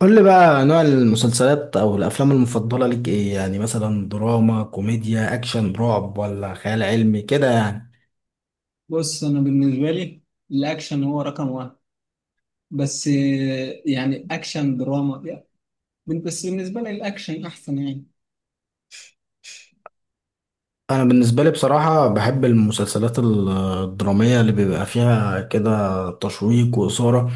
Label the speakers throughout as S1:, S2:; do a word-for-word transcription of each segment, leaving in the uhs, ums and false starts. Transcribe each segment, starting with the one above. S1: قول لي بقى نوع المسلسلات او الافلام المفضله لك ايه؟ يعني مثلا دراما، كوميديا، اكشن، رعب، ولا خيال علمي كده يعني.
S2: بص، انا بالنسبه لي الاكشن هو رقم واحد. بس آه، يعني اكشن دراما يعني. بس بالنسبه لي الاكشن احسن يعني.
S1: انا بالنسبه لي بصراحه بحب المسلسلات ال- الدراميه اللي بيبقى فيها كده تشويق واثاره،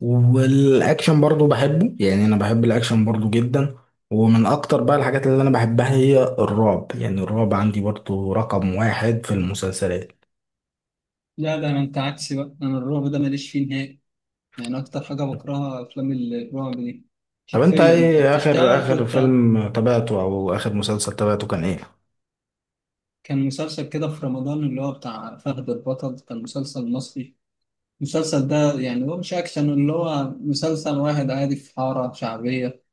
S1: والاكشن برضو بحبه، يعني انا بحب الاكشن برضو جدا. ومن اكتر بقى الحاجات اللي انا بحبها هي الرعب، يعني الرعب عندي برضو رقم واحد في المسلسلات.
S2: لا، ده انا انت عكسي بقى، انا الرعب ده ماليش فيه نهائي. يعني اكتر حاجه بكرهها افلام الرعب دي.
S1: طب انت
S2: حرفيا كانت
S1: ايه اخر
S2: تشتغل
S1: اخر
S2: كنت.
S1: فيلم تابعته او اخر مسلسل تابعته كان ايه؟
S2: كان مسلسل كده في رمضان اللي هو بتاع فهد البطل، كان مسلسل مصري. المسلسل ده يعني هو مش اكشن، اللي هو مسلسل واحد عادي في حاره شعبيه.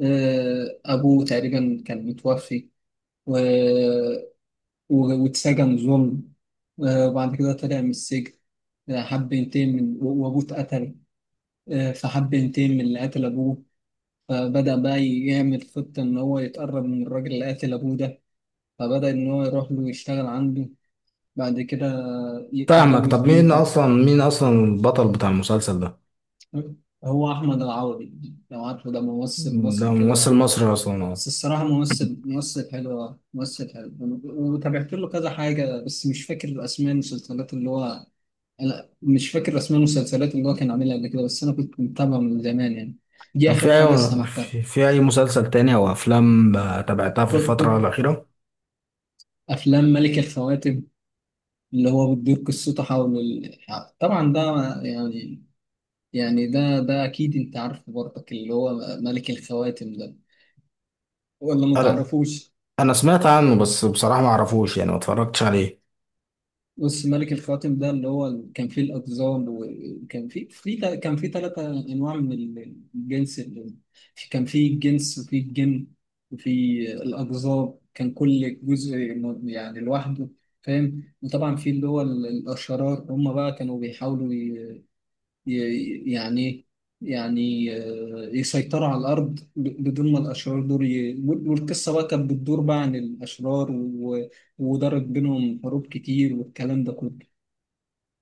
S2: آه، ابوه تقريبا كان متوفي، و و- واتسجن ظلم. آه، وبعد كده طلع من السجن. آه، حب ينتقم من و- وأبوه اتقتل. آه، فحب ينتقم من اللي قتل أبوه. فبدأ بقى يعمل خطة إن هو يتقرب من الراجل اللي قتل أبوه ده. فبدأ إن هو يروح له يشتغل عنده، بعد كده
S1: فاهمك.
S2: يتجوز
S1: طب مين
S2: بنته.
S1: اصلا، مين اصلا البطل بتاع المسلسل ده؟
S2: هو أحمد العوضي، لو عارفه، ده ممثل
S1: ده
S2: مصري
S1: ممثل
S2: كده.
S1: مصري اصلا؟ اه.
S2: بس الصراحة ممثل، ممثل حلو، آه، ممثل حلو. وتابعت له كذا حاجة بس مش فاكر أسماء المسلسلات اللي هو. انا مش فاكر اسماء المسلسلات اللي هو كان عاملها قبل كده، بس انا كنت متابعه من زمان يعني. دي
S1: طب في
S2: اخر حاجه
S1: اي
S2: استمعتها.
S1: في في اي مسلسل تاني او افلام آه، تابعتها في
S2: كنت,
S1: الفترة
S2: كنت
S1: الاخيرة؟
S2: افلام ملك الخواتم اللي هو بتدور قصته حول ال... طبعا ده، يعني. يعني ده ده اكيد انت عارفه برضك اللي هو ملك الخواتم ده، ولا ما
S1: انا
S2: تعرفوش؟
S1: انا سمعت عنه بس بصراحة ما اعرفوش، يعني ما اتفرجتش عليه.
S2: بص، ملك الخواتم ده اللي هو ال- كان فيه الأقزام، وكان فيه في تا- كان فيه ثلاثة أنواع من ال- الجنس اللي في- كان فيه الجنس، وفيه الجن، وفيه الأقزام. كان كل جزء م- يعني لوحده، فاهم. وطبعا في اللي هو ال- الأشرار، هم بقى كانوا بيحاولوا ي- ي- يعني يعني آه، يسيطروا على الأرض، ب- بدون ما الأشرار دول ي... وال- والقصة بقى كانت بتدور بقى عن الأشرار و... ودارت بينهم حروب كتير والكلام ده كله.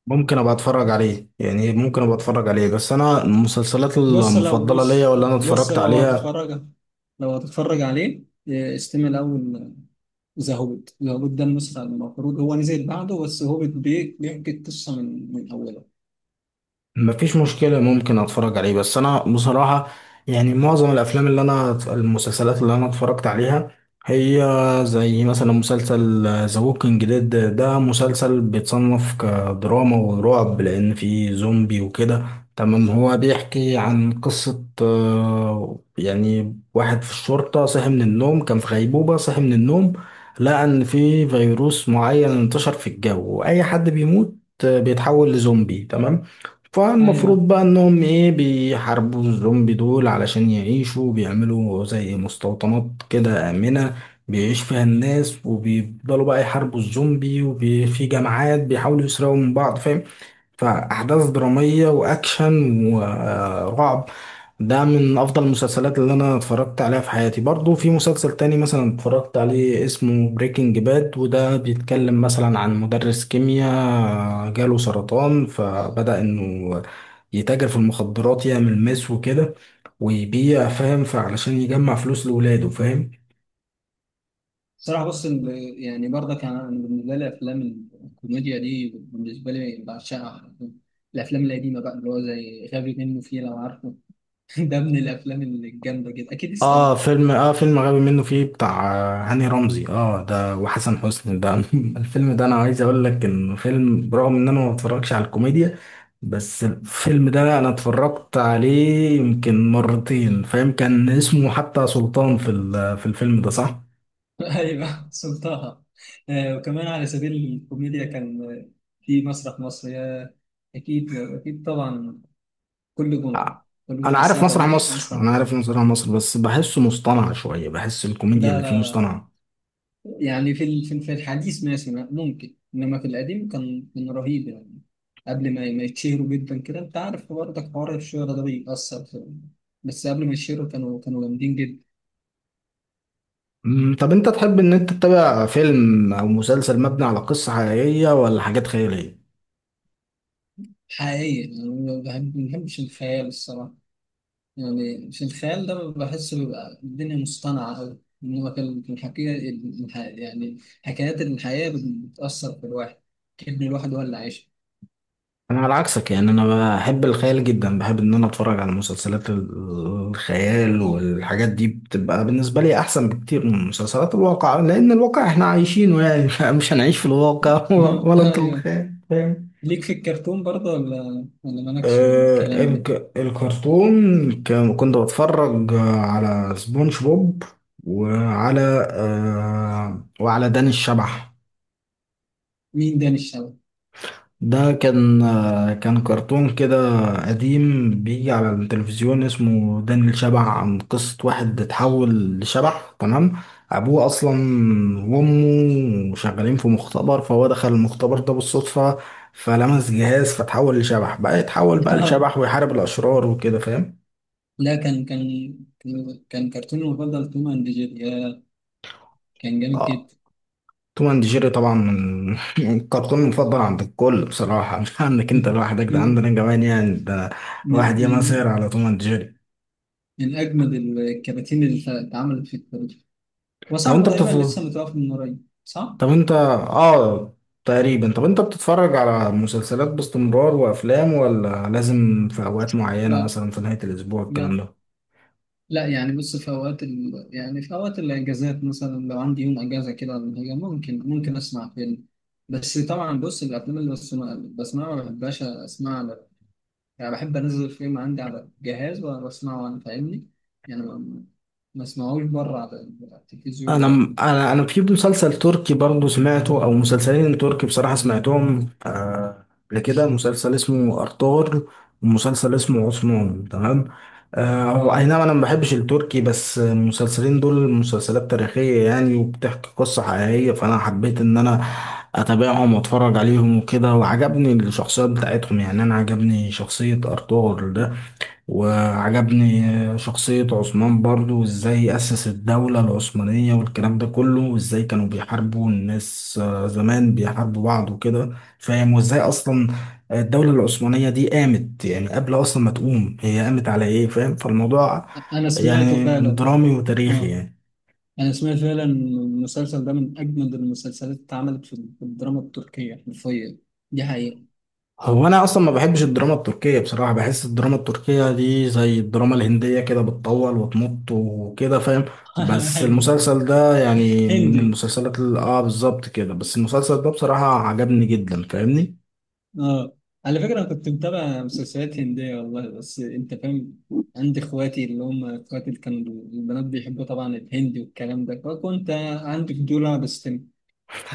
S1: ممكن ابقى اتفرج عليه، يعني ممكن ابقى اتفرج عليه، بس انا المسلسلات
S2: بص لو
S1: المفضلة ليا
S2: بص
S1: واللي انا
S2: بص
S1: اتفرجت
S2: لو
S1: عليها.
S2: هتتفرج لو هتتفرج عليه إيه، استمع الأول. ذا هوبت ذا هوبت ده المسلسل المفروض هو نزل بعده، بس هوبت بي- بيحكي القصة من من أولها.
S1: مفيش مشكلة، ممكن اتفرج عليه، بس انا بصراحة يعني معظم الافلام اللي انا، المسلسلات اللي انا اتفرجت عليها هي زي مثلا مسلسل ذا ووكينج ديد. ده مسلسل بيتصنف كدراما ورعب لان فيه زومبي وكده. تمام، هو بيحكي عن قصة آه، يعني واحد في الشرطة صحي من النوم، كان في غيبوبة صحي من النوم، لقى ان في فيروس معين انتشر في الجو، واي حد بيموت آه، بيتحول لزومبي. تمام، فالمفروض
S2: ايوه.
S1: بقى انهم ايه، بيحاربوا الزومبي دول علشان يعيشوا، بيعملوا زي مستوطنات كده آمنة بيعيش فيها الناس، وبيفضلوا بقى يحاربوا الزومبي، وفي جماعات بيحاولوا يسرقوا من بعض، فاهم؟ فأحداث درامية وأكشن ورعب. ده من أفضل المسلسلات اللي أنا اتفرجت عليها في حياتي. برضو في مسلسل تاني مثلا اتفرجت عليه اسمه بريكنج باد، وده بيتكلم مثلا عن مدرس كيمياء جاله سرطان، فبدأ إنه يتاجر في المخدرات، يعمل مس وكده، ويبيع، فاهم؟ فعلشان يجمع فلوس لولاده، فاهم؟
S2: صراحة، بص ال- يعني برضك أنا، أنا بالنسبة لي أفلام الكوميديا دي بالنسبة لي بعشقها. الأفلام القديمة بقى اللي هو زي غبي منه فيه، لو عارفه. ده من الأفلام الجامدة جدا، أكيد
S1: اه
S2: استمع.
S1: فيلم، اه فيلم غبي منه فيه بتاع آه، هاني رمزي، اه ده، وحسن حسني ده. الفيلم ده انا عايز اقول لك انه فيلم برغم ان انا ما بتفرجش على الكوميديا، بس الفيلم ده انا اتفرجت عليه يمكن مرتين، فاهم؟ كان اسمه حتى سلطان في ال- في الفيلم ده، صح؟
S2: ايوه، سلطها. آه، وكمان على سبيل الكوميديا كان، آه، في مسرح مصر يا. اكيد اكيد طبعا. كل جمعه،
S1: آه،
S2: كل
S1: انا
S2: جمعه الساعه
S1: عارف مسرح
S2: الثامنة
S1: مصر،
S2: مسرح
S1: انا
S2: مصر.
S1: عارف مسرح مصر، بس بحسه مصطنع شوية، بحس الكوميديا
S2: لا
S1: اللي فيه
S2: لا لا.
S1: مصطنعة.
S2: يعني في ال- في ال- في الحديث ماشي، ما- ممكن، انما في القديم كان كان رهيب يعني. قبل ما ما يتشهروا جدا كده، انت عارف برضك حوار الشهرة ده بيأثر في. بس قبل ما يتشهروا كانوا كانوا جامدين جدا.
S1: مم، طب انت تحب ان انت تتابع فيلم او مسلسل مبني على قصة حقيقية ولا حاجات خيالية؟
S2: حقيقي، يعني ما بحب- ما بحبش الخيال الصراحه. يعني في الخيال ده بحس بيبقى الدنيا مصطنعة أوي. إنما كان في الحكاية، الح- يعني حكايات الحياة بتأثر في الواحد، كأن الواحد هو اللي عايشها.
S1: انا على عكسك، يعني انا بحب الخيال جدا، بحب ان انا اتفرج على مسلسلات الخيال، والحاجات دي بتبقى بالنسبه لي احسن بكتير من مسلسلات الواقع، لان الواقع احنا عايشينه يعني، مش هنعيش في الواقع ولا انت،
S2: أيوه.
S1: الخيال، فاهم؟
S2: ليك في الكرتون برضه، ولا ولا مالكش
S1: آه،
S2: بالكلام ده؟
S1: الك... الكرتون كان- كنت بتفرج آه، على سبونج بوب، وعلى آه، وعلى داني الشبح.
S2: مين ده الشباب؟
S1: ده كان آه، كان كرتون كده قديم بيجي على التلفزيون اسمه داني الشبح، عن قصة واحد اتحول لشبح. تمام، أبوه أصلا وأمه شغالين في مختبر، فهو دخل المختبر ده بالصدفة، فلمس جهاز فتحول لشبح، بقى يتحول بقى لشبح ويحارب الأشرار وكده، فاهم؟
S2: لا، كان كان كان كرتوني المفضل توم أند جيري يا، كان جامد
S1: اه،
S2: جدا.
S1: توم اند جيري طبعا من الكرتون المفضل عند الكل، بصراحة مش عندك انت لوحدك، ده
S2: من
S1: عندنا كمان يعني، ده
S2: من
S1: واحد ياما
S2: من
S1: سهر على توم اند جيري.
S2: من أجمد الكراتين اللي اتعملت في التاريخ.
S1: طب
S2: وصاحبه
S1: انت
S2: تقريبا
S1: بتفضل،
S2: لسه متوفي من قريب، صح؟
S1: طب انت اه، تقريبا، طب انت بتتفرج على مسلسلات باستمرار وافلام، ولا لازم في اوقات معينة
S2: لا،
S1: مثلا في نهاية الاسبوع الكلام
S2: لا
S1: ده؟
S2: لا. يعني بص، في اوقات ال... يعني في اوقات الاجازات مثلا، لو عندي يوم اجازه كده ولا حاجه، ممكن ممكن اسمع فيلم. بس طبعا بص، الافلام اللي بسمع بسمعها ما بحبهاش اسمعها على- يعني بحب انزل الفيلم عندي على الجهاز واسمعه وانا، فاهمني؟ يعني ما ما اسمعوش بره على على
S1: انا
S2: التلفزيون، لا.
S1: انا انا في مسلسل تركي برضو سمعته، او مسلسلين تركي بصراحة سمعتهم آه، قبل كده، مسلسل اسمه ارطغرل ومسلسل اسمه عثمان. تمام، آه، اي
S2: اه.
S1: نعم، انا ما بحبش التركي، بس المسلسلين دول مسلسلات تاريخية يعني، وبتحكي قصة حقيقية، فانا حبيت ان انا اتابعهم واتفرج عليهم وكده، وعجبني الشخصيات بتاعتهم، يعني انا عجبني شخصية ارطغرل ده، وعجبني شخصية عثمان برضو، وازاي أسس الدولة العثمانية والكلام ده كله، وازاي كانوا بيحاربوا الناس آه، زمان بيحاربوا بعض وكده، فاهم؟ وازاي أصلا الدولة العثمانية دي قامت، يعني قبل أصلا ما تقوم هي قامت على إيه، فاهم؟ فالموضوع
S2: انا سمعته
S1: يعني
S2: فعلا.
S1: درامي وتاريخي
S2: اه.
S1: يعني.
S2: انا سمعت فعلا إن المسلسل ده من اجمد المسلسلات اللي اتعملت في في الدراما التركيه حرفيا. دي حقيقه.
S1: هو انا اصلا ما بحبش الدراما التركية بصراحة، بحس الدراما التركية دي زي الدراما الهندية كده، بتطول وتمط وكده، فاهم؟ بس
S2: ايوه.
S1: المسلسل ده يعني من
S2: هندي،
S1: المسلسلات اللي اه بالظبط كده، بس المسلسل ده بصراحة عجبني جدا، فاهمني؟
S2: اه. على فكرة أنا كنت متابع مسلسلات هندية والله، بس أنت فاهم. عندي إخواتي اللي هم إخواتي اللي كانوا البنات، بيحبوا طبعا الهندي والكلام ده، فكنت عندي فضول أبحث فيه.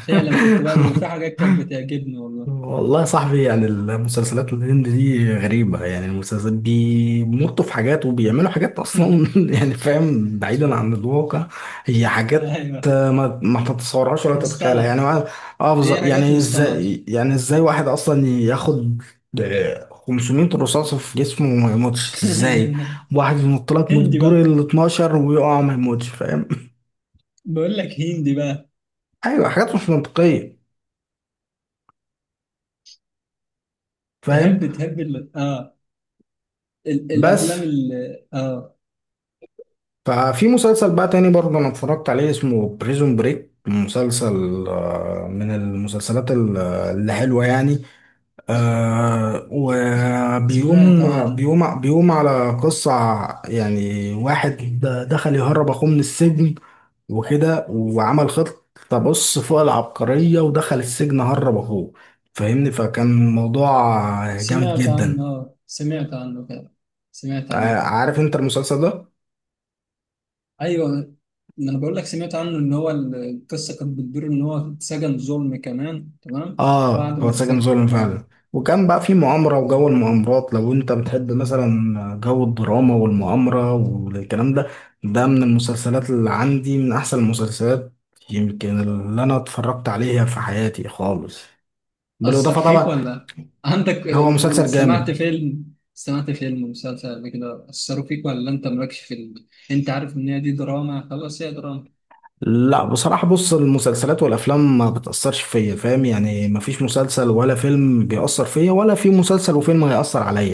S2: فعلا كنت بقى، وفي حاجات كانت بتعجبني والله.
S1: والله يا صاحبي، يعني المسلسلات الهند دي غريبة، يعني المسلسلات بيمطوا في حاجات وبيعملوا حاجات أصلا يعني فاهم، بعيدا عن الواقع، هي حاجات
S2: أيوه،
S1: آه، ما ما تتصورهاش ولا تتخيلها يعني،
S2: مصطنعة.
S1: اه آه،
S2: هي
S1: بالظبط.
S2: حاجات
S1: يعني
S2: مصطنعة.
S1: ازاي، يعني ازاي واحد أصلا ياخد آه، خمسمية رصاصة في جسمه وما يموتش؟ ازاي واحد ينط لك من
S2: هندي
S1: الدور
S2: بقى
S1: ال اتناشر ويقع ما يموتش، فاهم؟
S2: بقول لك هندي بقى.
S1: أيوة حاجات مش منطقية، فاهم؟
S2: تحب تحب ال... آه ال...
S1: بس
S2: الأفلام ال... آه
S1: ففي مسلسل بقى تاني برضه انا اتفرجت عليه اسمه بريزون بريك، مسلسل آه، من المسلسلات ال- اللي حلوة يعني. آه،
S2: سمعت
S1: وبيقوم
S2: عن
S1: بيقوم بيقوم على قصة يعني، واحد دخل يهرب اخوه من السجن وكده، وعمل خطة بص فوق العبقرية، ودخل السجن هرب اخوه، فاهمني؟ فكان موضوع جامد
S2: سمعت
S1: جدا.
S2: عنه، آه سمعت عنه كده، سمعت
S1: آه،
S2: عنه.
S1: عارف انت المسلسل ده؟
S2: ايوه، ما انا بقول لك سمعت عنه ان هو ال- القصه كانت بتدور ان هو اتسجن ظلم كمان، تمام؟
S1: اه،
S2: بعد
S1: هو
S2: ما
S1: ساكن
S2: اتسجن،
S1: ظلم
S2: اه.
S1: فعلا. وكان بقى في مؤامرة، وجو المؤامرات لو انت بتحب مثلا جو الدراما والمؤامرة والكلام ده، ده من المسلسلات اللي عندي من احسن المسلسلات يمكن اللي انا اتفرجت عليها في حياتي خالص،
S2: اثر
S1: بالاضافة
S2: فيك
S1: طبعا،
S2: ولا عندك؟
S1: هو مسلسل
S2: سمعت
S1: جامد.
S2: فيلم، سمعت فيلم مسلسل قبل كده اثروا فيك، ولا انت مالكش في ال... انت عارف ان هي دي دراما، خلاص، هي دراما.
S1: لا بصراحة، بص المسلسلات والافلام ما بتأثرش فيا، فاهم؟ يعني ما فيش مسلسل ولا فيلم بيأثر فيا، ولا في مسلسل وفيلم هيأثر عليا.